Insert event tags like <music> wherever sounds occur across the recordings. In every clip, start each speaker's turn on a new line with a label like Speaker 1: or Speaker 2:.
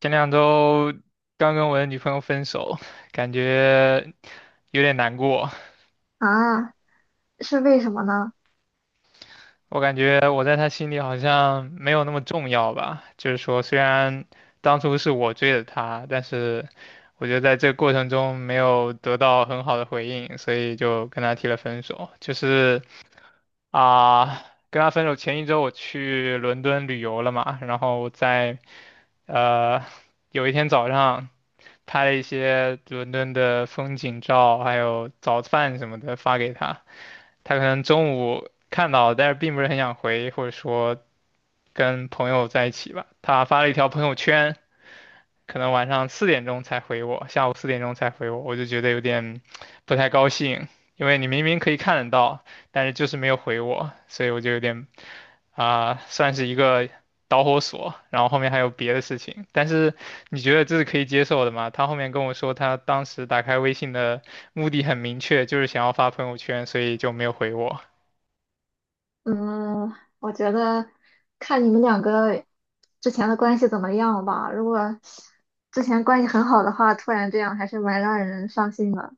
Speaker 1: 前两周刚跟我的女朋友分手，感觉有点难过。
Speaker 2: 啊，是为什么呢？
Speaker 1: 我感觉我在她心里好像没有那么重要吧。就是说，虽然当初是我追的她，但是我觉得在这个过程中没有得到很好的回应，所以就跟她提了分手。就是啊、跟她分手前一周我去伦敦旅游了嘛，然后我在呃有一天早上拍了一些伦敦的风景照，还有早饭什么的发给他。他可能中午看到，但是并不是很想回，或者说跟朋友在一起吧。他发了一条朋友圈，可能晚上四点钟才回我，下午四点钟才回我，我就觉得有点不太高兴，因为你明明可以看得到，但是就是没有回我，所以我就有点算是一个导火索。然后后面还有别的事情，但是你觉得这是可以接受的吗？他后面跟我说，他当时打开微信的目的很明确，就是想要发朋友圈，所以就没有回我。
Speaker 2: 嗯，我觉得看你们两个之前的关系怎么样吧。如果之前关系很好的话，突然这样还是蛮让人伤心的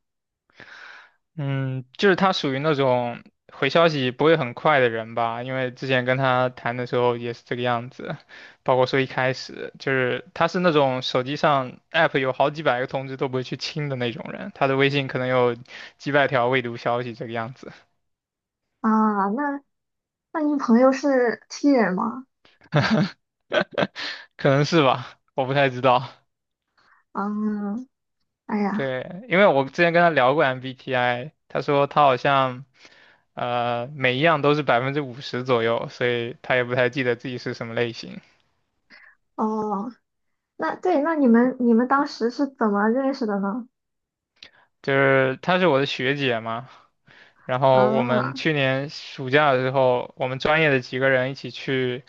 Speaker 1: 嗯，就是他属于那种回消息不会很快的人吧，因为之前跟他谈的时候也是这个样子，包括说一开始就是他是那种手机上 app 有好几百个通知都不会去清的那种人，他的微信可能有几百条未读消息这个样子。
Speaker 2: 啊。那你朋友是 T 人吗？
Speaker 1: <laughs> 可能是吧，我不太知道。
Speaker 2: 嗯，哎呀，
Speaker 1: 对，因为我之前跟他聊过 MBTI，他说他好像每一样都是50%左右，所以他也不太记得自己是什么类型。
Speaker 2: 哦，那对，那你们当时是怎么认识的呢？
Speaker 1: 就是她是我的学姐嘛，然后我们
Speaker 2: 啊，
Speaker 1: 去年暑假的时候，我们专业的几个人一起去，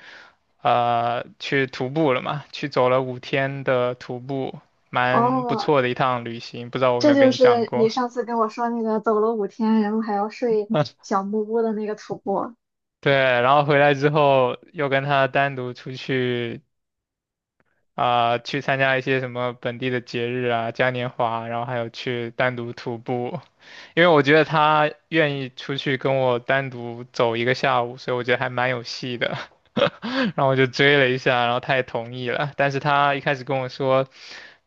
Speaker 1: 去徒步了嘛，去走了5天的徒步，蛮不
Speaker 2: 哦，
Speaker 1: 错的一趟旅行，不知道我有没
Speaker 2: 这
Speaker 1: 有
Speaker 2: 就
Speaker 1: 跟你讲
Speaker 2: 是你
Speaker 1: 过。
Speaker 2: 上次跟我说那个走了5天，然后还要睡
Speaker 1: <laughs>
Speaker 2: 小木屋的那个徒步。
Speaker 1: 对，然后回来之后又跟她单独出去去参加一些什么本地的节日啊、嘉年华啊，然后还有去单独徒步，因为我觉得他愿意出去跟我单独走一个下午，所以我觉得还蛮有戏的。<laughs> 然后我就追了一下，然后他也同意了，但是他一开始跟我说，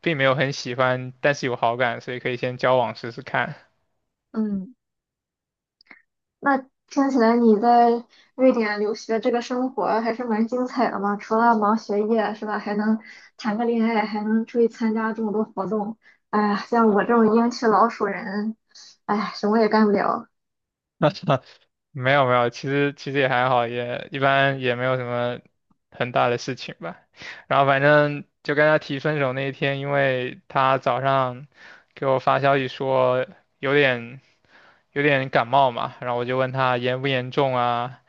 Speaker 1: 并没有很喜欢，但是有好感，所以可以先交往试试看。
Speaker 2: 嗯。那听起来你在瑞典留学这个生活还是蛮精彩的嘛，除了忙学业是吧，还能谈个恋爱，还能出去参加这么多活动。哎呀，像我这种英气老鼠人，哎，什么也干不了。
Speaker 1: <laughs> 没有没有，其实也还好，也一般也没有什么很大的事情吧。然后反正就跟他提分手那一天，因为他早上给我发消息说有点有点感冒嘛，然后我就问他严不严重啊，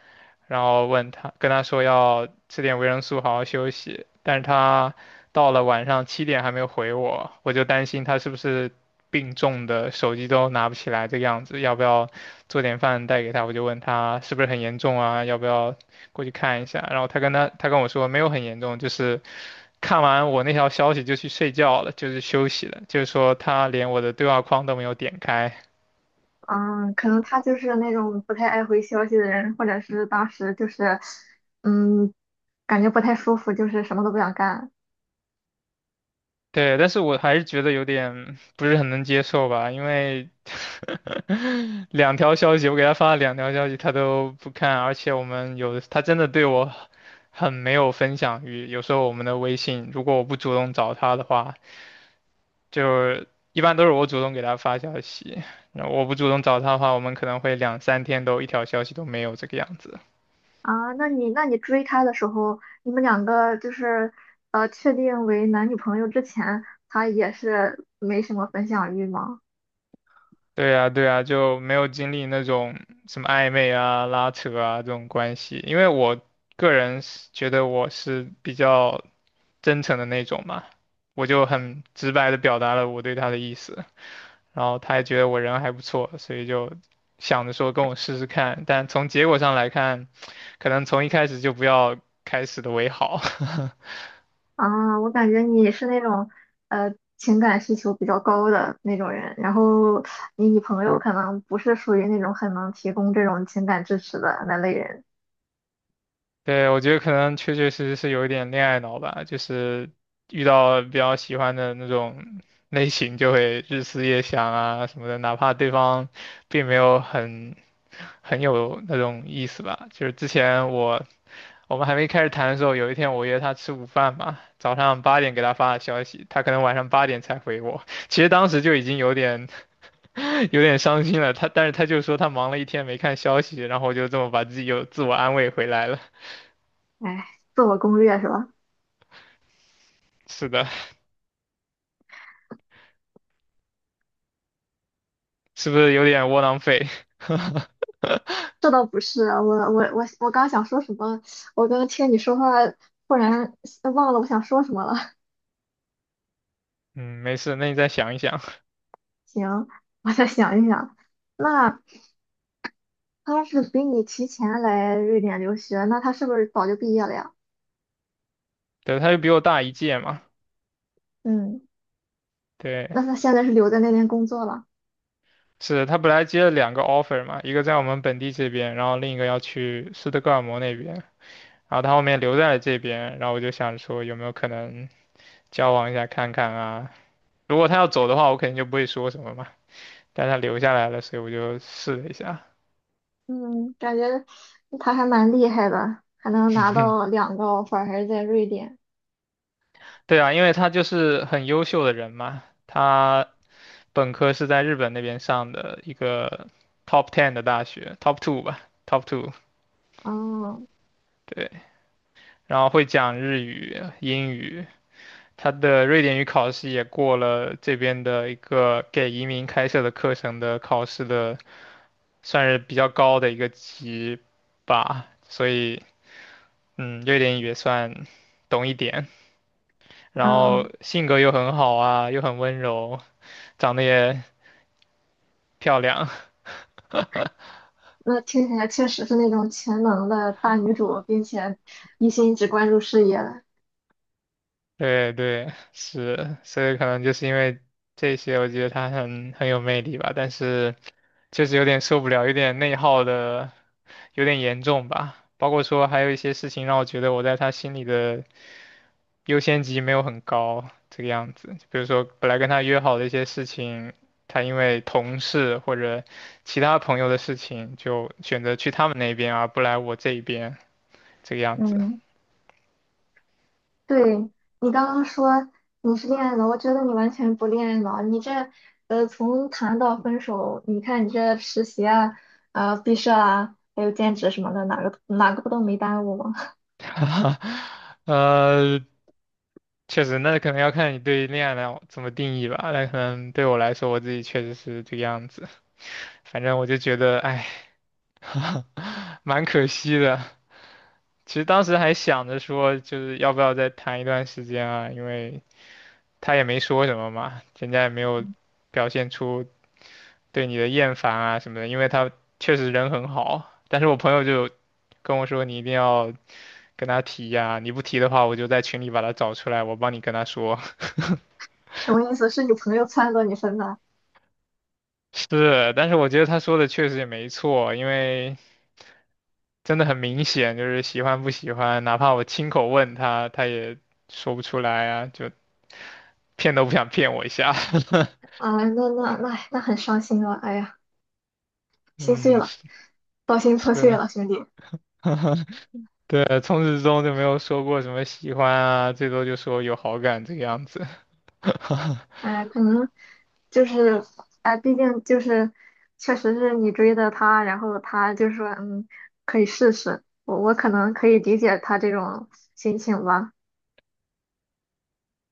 Speaker 1: 然后问他，跟他说要吃点维生素，好好休息。但是他到了晚上7点还没有回我，我就担心他是不是病重的，手机都拿不起来这个样子，要不要做点饭带给他？我就问他是不是很严重啊，要不要过去看一下？然后他跟我说没有很严重，就是看完我那条消息就去睡觉了，就是休息了，就是说他连我的对话框都没有点开。
Speaker 2: 嗯，可能他就是那种不太爱回消息的人，或者是当时就是，嗯，感觉不太舒服，就是什么都不想干。
Speaker 1: 对，但是我还是觉得有点不是很能接受吧，因为 <laughs> 两条消息，我给他发了两条消息，他都不看，而且我们有的他真的对我很没有分享欲。有时候我们的微信，如果我不主动找他的话，就是一般都是我主动给他发消息，然后我不主动找他的话，我们可能会两三天都一条消息都没有这个样子。
Speaker 2: 啊，那你追他的时候，你们两个就是确定为男女朋友之前，他也是没什么分享欲吗？
Speaker 1: 对呀，对呀，就没有经历那种什么暧昧啊、拉扯啊这种关系，因为我个人是觉得我是比较真诚的那种嘛，我就很直白的表达了我对他的意思，然后他也觉得我人还不错，所以就想着说跟我试试看，但从结果上来看，可能从一开始就不要开始的为好。<laughs>
Speaker 2: 啊，我感觉你是那种情感需求比较高的那种人，然后你女朋友可能不是属于那种很能提供这种情感支持的那类人。
Speaker 1: 对，我觉得可能确确实实是有一点恋爱脑吧，就是遇到比较喜欢的那种类型，就会日思夜想啊什么的，哪怕对方并没有很有那种意思吧。就是之前我们还没开始谈的时候，有一天我约他吃午饭嘛，早上八点给他发的消息，他可能晚上八点才回我。其实当时就已经有点 <laughs> 有点伤心了，但是他就说他忙了一天没看消息，然后我就这么把自己又自我安慰回来了。
Speaker 2: 哎，自我攻略是吧？
Speaker 1: 是的。是不是有点窝囊废？<laughs>
Speaker 2: 这倒不是，我刚想说什么，我刚听你说话，忽然忘了我想说什么了。
Speaker 1: 嗯，没事，那你再想一想。
Speaker 2: 行，我再想一想。那他要是比你提前来瑞典留学，那他是不是早就毕业了呀？
Speaker 1: 对，他就比我大一届嘛。
Speaker 2: 嗯，
Speaker 1: 对，
Speaker 2: 那他现在是留在那边工作了？
Speaker 1: 是他本来接了两个 offer 嘛，一个在我们本地这边，然后另一个要去斯德哥尔摩那边。然后他后面留在了这边，然后我就想说有没有可能交往一下看看啊。如果他要走的话，我肯定就不会说什么嘛。但他留下来了，所以我就试了一下。
Speaker 2: 嗯，感觉他还蛮厉害的，还能拿到两个 offer，还是在瑞典。
Speaker 1: 对啊，因为他就是很优秀的人嘛，他本科是在日本那边上的一个 top ten 的大学，top two 吧，top two，
Speaker 2: 嗯
Speaker 1: 对，然后会讲日语、英语，他的瑞典语考试也过了这边的一个给移民开设的课程的考试的，算是比较高的一个级吧，所以嗯，瑞典语也算懂一点，然后
Speaker 2: 嗯，
Speaker 1: 性格又很好啊，又很温柔，长得也漂亮。
Speaker 2: 那听起来确实是那种全能的大女主，并且一心只关注事业的。
Speaker 1: 对对，是，所以可能就是因为这些，我觉得他很有魅力吧，但是确实有点受不了，有点内耗的有点严重吧。包括说还有一些事情让我觉得我在他心里的优先级没有很高，这个样子。比如说本来跟他约好的一些事情，他因为同事或者其他朋友的事情，就选择去他们那边而不来我这一边，这个样子。
Speaker 2: 嗯。对，你刚刚说你是恋爱脑，我觉得你完全不恋爱脑。你这，从谈到分手，你看你这实习啊、毕设啊，还有兼职什么的，哪个不都没耽误吗？
Speaker 1: <laughs> 哈，呃，确实，那可能要看你对恋爱来怎么定义吧。那可能对我来说，我自己确实是这个样子。反正我就觉得，哎，蛮可惜的。其实当时还想着说，就是要不要再谈一段时间啊？因为他也没说什么嘛，人家也没有表现出对你的厌烦啊什么的。因为他确实人很好，但是我朋友就跟我说，你一定要跟他提呀、你不提的话，我就在群里把他找出来，我帮你跟他说。<laughs>
Speaker 2: <laughs> 什么意思？是你朋友撺掇你分的？
Speaker 1: 是，但是我觉得他说的确实也没错，因为真的很明显，就是喜欢不喜欢，哪怕我亲口问他，他也说不出来啊，就骗都不想骗我一下。<laughs>
Speaker 2: 啊，那很伤心啊！哎呀，心碎
Speaker 1: 嗯，
Speaker 2: 了，
Speaker 1: 是
Speaker 2: 道心破碎
Speaker 1: 是，
Speaker 2: 了，兄弟。
Speaker 1: <laughs> 对，从始至终就没有说过什么喜欢啊，最多就说有好感这个样子。<laughs>
Speaker 2: 哎，可能就是，哎，毕竟就是，确实是你追的他，然后他就说，嗯，可以试试。我可能可以理解他这种心情吧。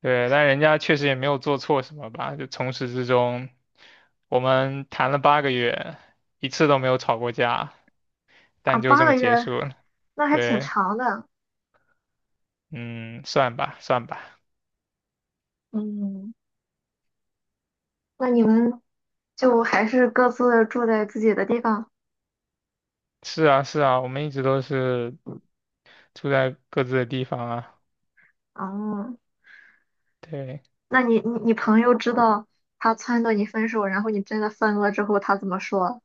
Speaker 1: 对，但人家确实也没有做错什么吧，就从始至终我们谈了8个月，一次都没有吵过架，
Speaker 2: 啊，
Speaker 1: 但就
Speaker 2: 八
Speaker 1: 这么
Speaker 2: 个
Speaker 1: 结
Speaker 2: 月，
Speaker 1: 束了。
Speaker 2: 那还挺
Speaker 1: 对，
Speaker 2: 长的。
Speaker 1: 嗯，算吧，算吧。
Speaker 2: 嗯，那你们就还是各自住在自己的地方。
Speaker 1: 是啊，是啊，我们一直都是住在各自的地方啊。
Speaker 2: 哦，
Speaker 1: 对。
Speaker 2: 那你朋友知道他撺掇你分手，然后你真的分了之后，他怎么说？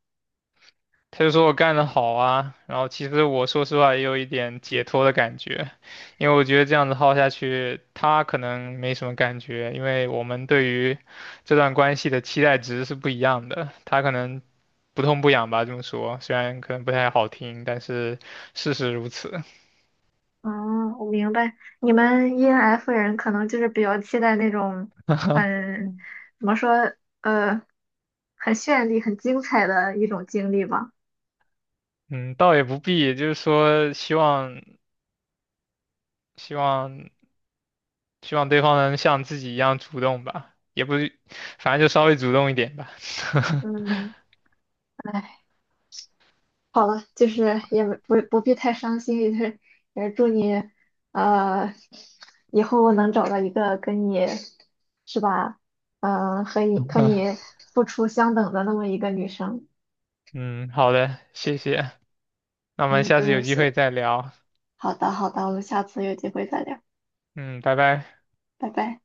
Speaker 1: 他就说我干得好啊，然后其实我说实话也有一点解脱的感觉，因为我觉得这样子耗下去，他可能没什么感觉，因为我们对于这段关系的期待值是不一样的，他可能不痛不痒吧，这么说，虽然可能不太好听，但是事实如此。
Speaker 2: 嗯，我明白，你们 ENF 人可能就是比较期待那种很，怎么说，呃，很绚丽、很精彩的一种经历吧。
Speaker 1: 嗯，倒也不必，就是说希望希望对方能像自己一样主动吧，也不，反正就稍微主动一点吧。
Speaker 2: 嗯，哎，好了，就是也没不必太伤心，也祝你，呃，以后能找到一个跟你，是吧？嗯、和你和
Speaker 1: <laughs>
Speaker 2: 你付出相等的那么一个女生。
Speaker 1: 嗯，好的，谢谢，那我们
Speaker 2: 嗯，
Speaker 1: 下
Speaker 2: 不
Speaker 1: 次有
Speaker 2: 用
Speaker 1: 机会
Speaker 2: 谢。
Speaker 1: 再聊。
Speaker 2: 好的，好的，我们下次有机会再聊，
Speaker 1: 嗯，拜拜。
Speaker 2: 拜拜。